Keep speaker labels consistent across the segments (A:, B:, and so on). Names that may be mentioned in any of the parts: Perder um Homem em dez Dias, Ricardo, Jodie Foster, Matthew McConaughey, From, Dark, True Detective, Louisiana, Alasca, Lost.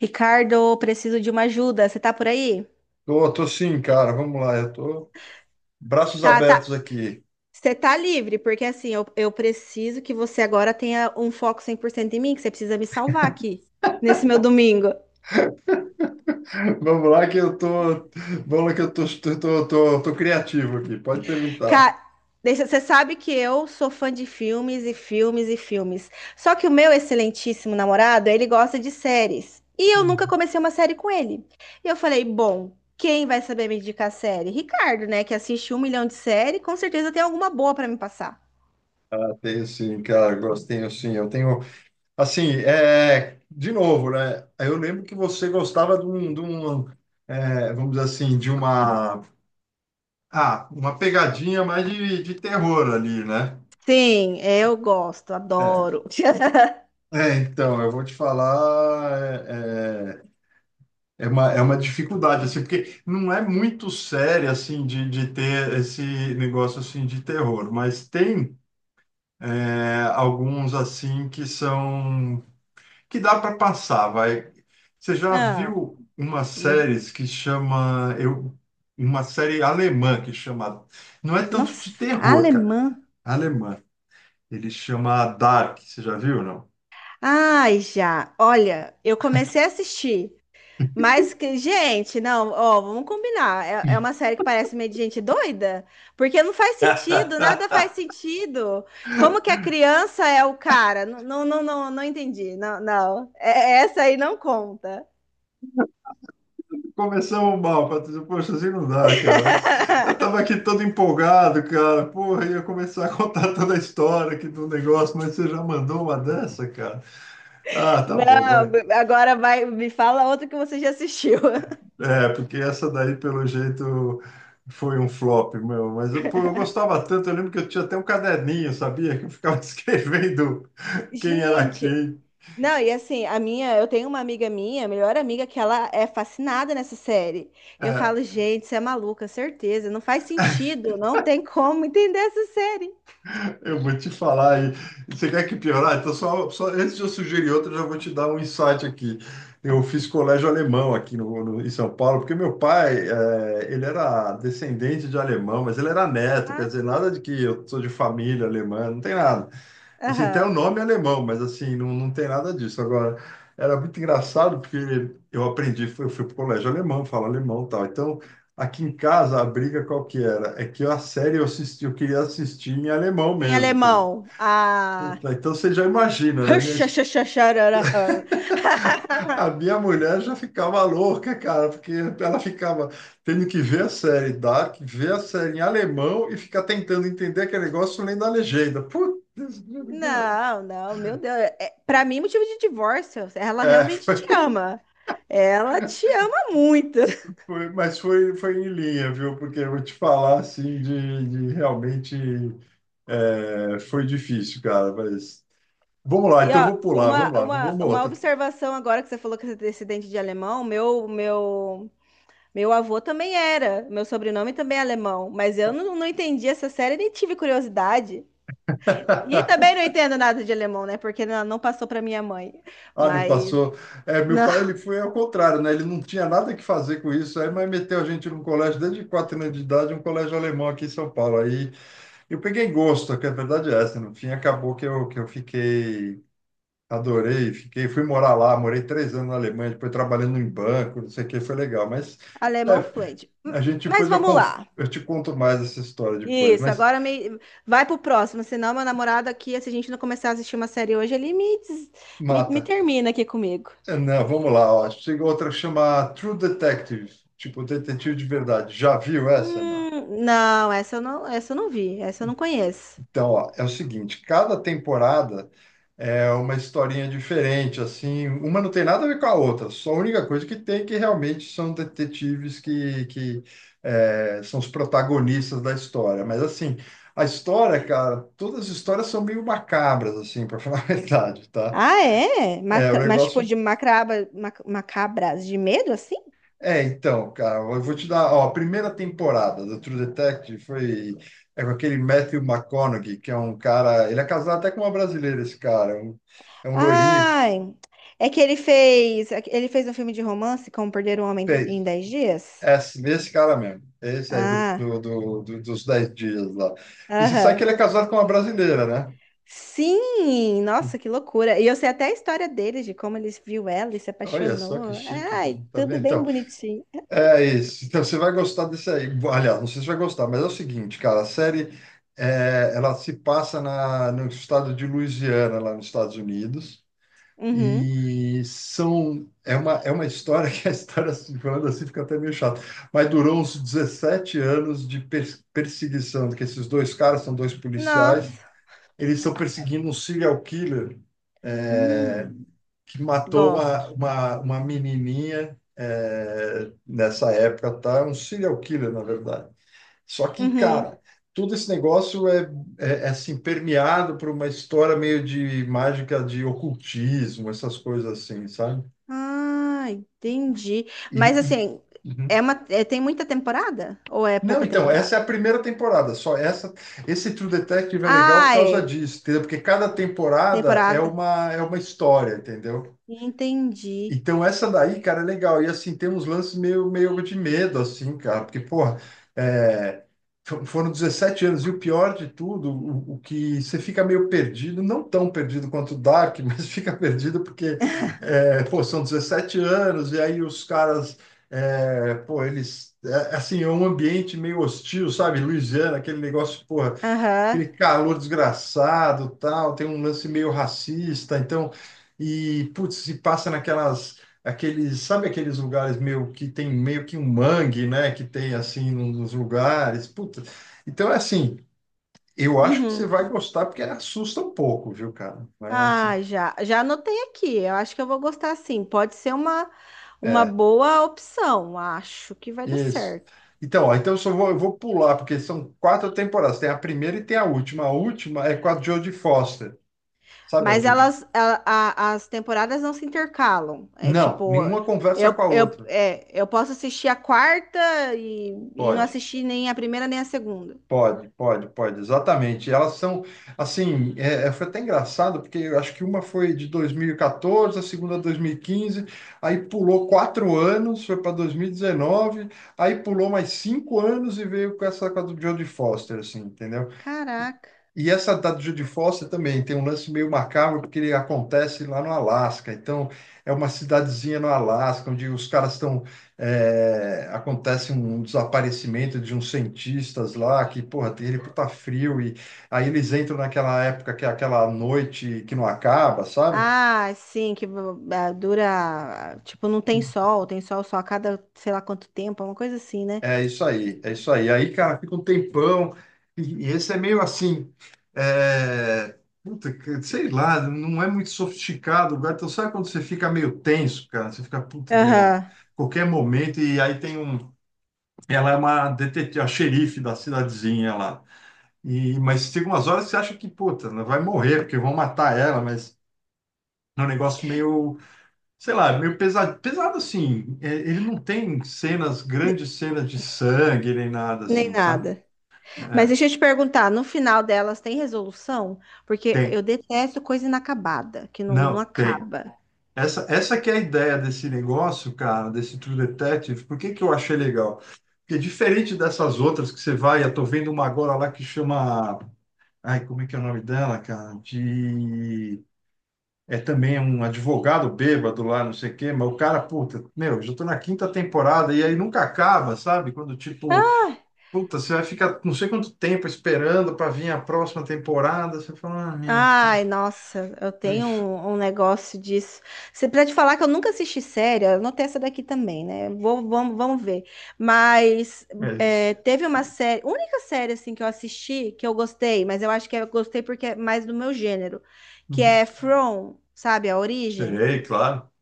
A: Ricardo, preciso de uma ajuda. Você tá por aí?
B: Tô sim, cara. Vamos lá. Eu tô braços
A: Tá, tá.
B: abertos aqui.
A: Você tá livre, porque assim, eu preciso que você agora tenha um foco 100% em mim, que você precisa me salvar aqui, nesse meu domingo.
B: Vamos lá que eu tô, vamos lá que eu tô criativo aqui. Pode perguntar.
A: Cara, deixa, você sabe que eu sou fã de filmes e filmes e filmes. Só que o meu excelentíssimo namorado, ele gosta de séries. E eu nunca comecei uma série com ele. E eu falei, bom, quem vai saber me indicar série? Ricardo, né, que assiste um milhão de séries, com certeza tem alguma boa pra me passar.
B: Ah, tenho sim, cara. Gosto, tenho sim. Eu tenho, assim, de novo, né? Eu lembro que você gostava de um, vamos dizer assim, de uma pegadinha mais de terror ali, né?
A: Sim, é, eu gosto,
B: É.
A: adoro.
B: Então, eu vou te falar, é, é uma dificuldade, assim, porque não é muito séria, assim, de ter esse negócio, assim, de terror, mas tem alguns, assim, que dá para passar, vai. Você já
A: Ah,
B: viu uma
A: me-
B: série que chama, uma série alemã que chama, não é tanto
A: Nossa,
B: de terror, cara,
A: alemã.
B: alemã, ele chama Dark, você já viu, ou não?
A: Ai, já. Olha, eu comecei a assistir, mas que, gente, não, ó, vamos combinar. É, é uma série que parece meio de gente doida, porque não faz sentido, nada faz sentido. Como que a criança é o cara? Não, não, não, não, não entendi. Não, não. Essa aí não conta.
B: Começamos mal, Patrícia. Poxa, assim não dá, cara. Eu tava aqui todo empolgado, cara. Porra, ia começar a contar toda a história aqui do negócio, mas você já mandou uma dessa, cara? Ah, tá bom,
A: Não,
B: vai.
A: agora vai, me fala outra que você já assistiu.
B: Porque essa daí, pelo jeito, foi um flop, meu. Mas eu, pô, eu gostava tanto. Eu lembro que eu tinha até um caderninho, sabia? Que eu ficava escrevendo quem era
A: Gente,
B: quem.
A: não, e assim, a minha, eu tenho uma amiga minha, melhor amiga, que ela é fascinada nessa série. E eu falo,
B: É,
A: gente, você é maluca, certeza, não faz sentido, não tem como entender essa série.
B: Eu vou te falar aí. Você quer que piorar? Então, só antes de eu sugerir outra, eu já vou te dar um insight aqui. Eu fiz colégio alemão aqui em São Paulo, porque meu pai, ele era descendente de alemão, mas ele era neto, quer
A: Ah,
B: dizer, nada de que eu sou de família alemã, não tem nada. Assim, tem o
A: aham.
B: um nome alemão, mas assim, não tem nada disso. Agora, era muito engraçado porque eu aprendi, eu fui pro colégio alemão, falo alemão e tal. Então, aqui em casa, a briga qual que era? É que a série eu queria assistir em alemão
A: Em
B: mesmo, entendeu?
A: alemão, a
B: Puta, então você já imagina, né? Minha, es- a minha mulher já ficava louca, cara, porque ela ficava tendo que ver a série Dark, ver a série em alemão e ficar tentando entender aquele negócio lendo a legenda. Putz, cara.
A: não, não, meu Deus, é, para mim motivo de divórcio, ela
B: É,
A: realmente te ama. Ela te ama muito.
B: mas foi, em linha, viu? Porque eu vou te falar assim de realmente foi difícil, cara. Mas vamos lá,
A: E
B: então
A: ó,
B: vou pular,
A: uma,
B: vamos lá,
A: uma,
B: vamos
A: uma
B: outra.
A: observação agora que você falou que você é descendente de alemão, meu avô também era, meu sobrenome também é alemão, mas eu não, não entendi essa série nem tive curiosidade. E também não entendo nada de alemão, né? Porque não, não passou para minha mãe.
B: Ah, não
A: Mas
B: passou. Meu
A: não,
B: pai ele foi ao contrário, né? Ele não tinha nada que fazer com isso, aí, mas meteu a gente num colégio desde 4 anos de idade, um colégio alemão aqui em São Paulo. Aí eu peguei gosto, que a verdade é essa. No fim, acabou que que eu fiquei. Adorei, fiquei, fui morar lá, morei 3 anos na Alemanha, depois trabalhando em banco, não sei o que, foi legal. Mas
A: alemão
B: é,
A: fluente.
B: a gente
A: Mas
B: depois
A: vamos lá.
B: eu te conto mais essa história depois,
A: Isso,
B: mas
A: agora me... vai pro próximo, senão meu namorado aqui, se a gente não começar a assistir uma série hoje, me, me
B: mata.
A: termina aqui comigo.
B: Não, vamos lá, ó. Chega outra que chama True Detective, tipo detetive de verdade. Já viu essa?
A: Não, essa eu não, essa eu não vi, essa eu não conheço.
B: Então, ó, é o seguinte, cada temporada é uma historinha diferente, assim, uma não tem nada a ver com a outra, só a única coisa que tem é que realmente são detetives que, são os protagonistas da história. Mas, assim, a história, cara, todas as histórias são meio macabras, assim, para falar a verdade, tá?
A: Ah, é?
B: É um
A: Mas tipo
B: negócio.
A: de macraba, macabras de medo assim?
B: Então, cara, eu vou te dar, ó, a primeira temporada do True Detective foi com aquele Matthew McConaughey, que é um cara, ele é casado até com uma brasileira, esse cara, é um loirinho,
A: Ai, é que ele fez um filme de romance como Perder um Homem
B: peixe,
A: em 10 Dias.
B: é esse cara mesmo, esse aí do,
A: Ah,
B: do, do- do- dos 10 dias lá. E você sabe
A: aham.
B: que ele é casado com uma brasileira, né?
A: Sim, nossa, que loucura. E eu sei até a história dele, de como ele viu ela e se
B: Olha só que
A: apaixonou.
B: chique, cara,
A: Ai,
B: tá
A: tudo
B: vendo?
A: bem
B: Então,
A: bonitinho.
B: é isso. Então você vai gostar desse aí. Aliás, não sei se vai gostar, mas é o seguinte, cara, a série ela se passa no estado de Louisiana, lá nos Estados Unidos,
A: Uhum.
B: e é uma história que a história assim, falando assim fica até meio chato, mas durou uns 17 anos de perseguição, que esses dois caras são dois policiais,
A: Nossa.
B: eles estão perseguindo um serial killer é,
A: Hum,
B: que matou
A: gosto.
B: uma menininha nessa época, tá? É um serial killer, na verdade. Só que,
A: Uhum.
B: cara, todo esse negócio assim, permeado por uma história meio de mágica de ocultismo, essas coisas assim, sabe?
A: Ah, entendi.
B: E,
A: Mas
B: e-
A: assim,
B: Uhum.
A: tem muita temporada? Ou é
B: Não,
A: pouca
B: então,
A: temporada?
B: essa é a primeira temporada, só essa, esse True Detective é legal por
A: Ah,
B: causa
A: é
B: disso, entendeu? Porque cada temporada
A: temporada.
B: é uma história, entendeu?
A: Entendi.
B: Então essa daí, cara, é legal. E assim, tem uns lances meio de medo, assim, cara, porque, porra, é, foram 17 anos, e o pior de tudo, o que você fica meio perdido, não tão perdido quanto o Dark, mas fica perdido porque, pô, são 17 anos, e aí os caras, pô, eles, assim, é um ambiente meio hostil, sabe? Louisiana, aquele negócio, pô
A: Aham.
B: aquele calor desgraçado, tal, tem um lance meio racista, então e putz, se passa naquelas aqueles, sabe aqueles lugares meio que tem meio que um mangue, né, que tem assim nos lugares, puta. Então é assim, eu acho que você
A: Uhum.
B: vai gostar porque assusta um pouco, viu, cara? É assim.
A: Ah, já, já anotei aqui. Eu acho que eu vou gostar sim. Pode ser uma
B: É,
A: boa opção. Acho que vai dar
B: isso.
A: certo.
B: Então, ó, então eu vou pular, porque são quatro temporadas. Tem a primeira e tem a última. A última é com a Jodie Foster. Sabe a
A: Mas
B: Jodie?
A: elas, as temporadas não se intercalam. É
B: Não,
A: tipo,
B: nenhuma conversa com a outra.
A: eu posso assistir a quarta e não
B: Pode.
A: assistir nem a primeira nem a segunda.
B: Pode, pode, pode, exatamente. Elas são, assim, foi até engraçado, porque eu acho que uma foi de 2014, a segunda 2015, aí pulou 4 anos, foi para 2019, aí pulou mais 5 anos e veio com essa com a do Jodie Foster, assim, entendeu?
A: Caraca.
B: E essa da Judy Foster também tem um lance meio macabro, porque ele acontece lá no Alasca. Então, é uma cidadezinha no Alasca, onde os caras estão. Acontece um desaparecimento de uns cientistas lá, que, porra, tem ele puta frio. E aí eles entram naquela época que é aquela noite que não acaba, sabe?
A: Ah, sim, ah, dura. Tipo, não tem sol, tem sol só a cada sei lá quanto tempo, é uma coisa assim, né?
B: É isso aí, é isso aí. Aí, cara, fica um tempão. E esse é meio assim. É... Puta, sei lá, não é muito sofisticado, cara. Então, sabe quando você fica meio tenso, cara? Você fica, puta, meu,
A: Aham.
B: qualquer momento. E aí tem um. Ela é uma detetive, a xerife da cidadezinha lá. Mas tem umas horas que você acha que, puta, ela vai morrer, porque vão matar ela, mas é um negócio meio. Sei lá, meio pesado. Pesado assim. Ele não tem cenas,
A: De-
B: grandes cenas de sangue nem nada
A: nem
B: assim, sabe?
A: nada. Mas
B: É,
A: deixa eu te perguntar, no final delas tem resolução? Porque
B: tem.
A: eu detesto coisa inacabada, que não, não
B: Não, tem.
A: acaba.
B: Essa que é a ideia desse negócio, cara, desse True Detective. Por que que eu achei legal? Porque diferente dessas outras que você vai, eu tô vendo uma agora lá que chama. Ai, como é que é o nome dela, cara? De. É também um advogado bêbado lá, não sei o quê, mas o cara, puta, meu, já tô na quinta temporada e aí nunca acaba, sabe? Quando, tipo,
A: Ah,
B: puta, você vai ficar não sei quanto tempo esperando pra vir a próxima temporada, você fala, ah, meu, cara,
A: ai, nossa, eu
B: é
A: tenho
B: isso.
A: um, um negócio disso. Você precisa te falar que eu nunca assisti série, eu anotei essa daqui também, né? Vou, vamos, vamos ver. Mas
B: É
A: é,
B: isso.
A: teve uma série, única série assim que eu assisti que eu gostei, mas eu acho que eu gostei porque é mais do meu gênero, que
B: Uhum.
A: é From, sabe, a origem.
B: Sei, claro.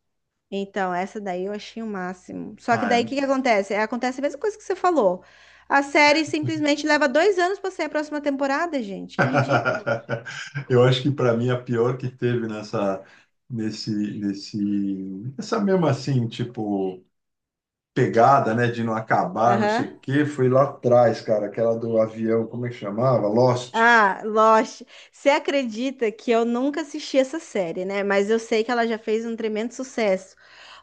A: Então, essa daí eu achei o máximo. Só que
B: Ah,
A: daí o
B: é-
A: que que acontece? É, acontece a mesma coisa que você falou. A série simplesmente leva 2 anos para sair a próxima temporada, gente. Que ridículo.
B: Eu acho que para mim a pior que teve nessa, nesse, essa mesma assim, tipo, pegada, né, de não acabar, não sei
A: Aham.
B: o quê, foi lá atrás, cara, aquela do avião, como é que chamava? Lost.
A: Ah, Lost. Você acredita que eu nunca assisti essa série, né? Mas eu sei que ela já fez um tremendo sucesso.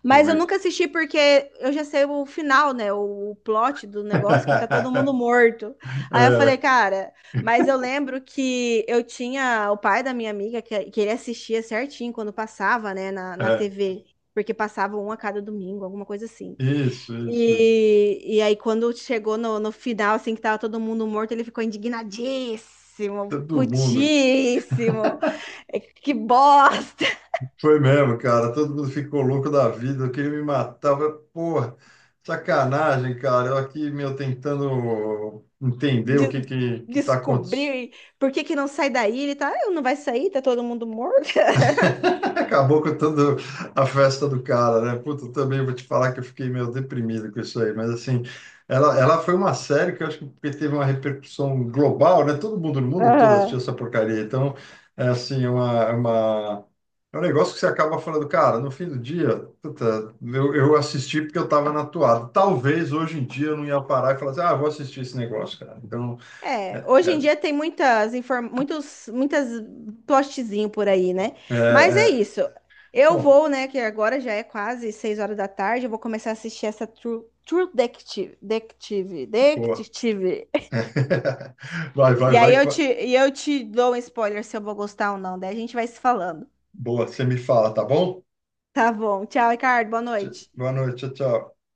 A: Mas eu
B: Foi.
A: nunca assisti porque eu já sei o final, né? O plot do negócio que tá todo mundo morto. Aí eu falei,
B: É,
A: cara, mas eu lembro que eu tinha o pai da minha amiga que ele assistia certinho quando passava, né, na, na
B: é,
A: TV. Porque passava um a cada domingo, alguma coisa assim.
B: isso, isso, isso.
A: E aí, quando chegou no, no final, assim, que tava todo mundo morto, ele ficou indignadíssimo,
B: Todo mundo,
A: putíssimo. É, que bosta!
B: Foi mesmo, cara. Todo mundo ficou louco da vida. Eu queria me matar. Eu falei, porra, sacanagem, cara. Eu aqui, meu, tentando entender o que
A: De,
B: que tá acontecendo.
A: descobrir por que que não sai daí. Ele tá, "Ah, não vai sair, tá todo mundo morto."
B: Acabou com toda a festa do cara, né? Puta, eu também vou te falar que eu fiquei meio deprimido com isso aí, mas assim, ela foi uma série que eu acho que teve uma repercussão global, né? Todo mundo no mundo todo assistiu
A: Aham.
B: essa porcaria, então é assim, é um negócio que você acaba falando, cara, no fim do dia, puta, eu assisti porque eu estava na toada. Talvez hoje em dia eu não ia parar e falar assim, ah, vou assistir esse negócio, cara. Então, é,
A: É, hoje em
B: é,
A: dia tem muitas muitos muitas plotzinho por aí, né?
B: é,
A: Mas é
B: é-
A: isso. Eu
B: bom,
A: vou, né, que agora já é quase 6 horas da tarde, eu vou começar a assistir essa True, True Detective, Detective,
B: boa.
A: Detective.
B: Vai, vai,
A: E aí
B: vai. Que
A: eu
B: vai.
A: te e eu te dou um spoiler se eu vou gostar ou não, daí a gente vai se falando.
B: Boa, você me fala, tá bom?
A: Tá bom. Tchau, Ricardo. Boa noite.
B: Boa noite, tchau, tchau.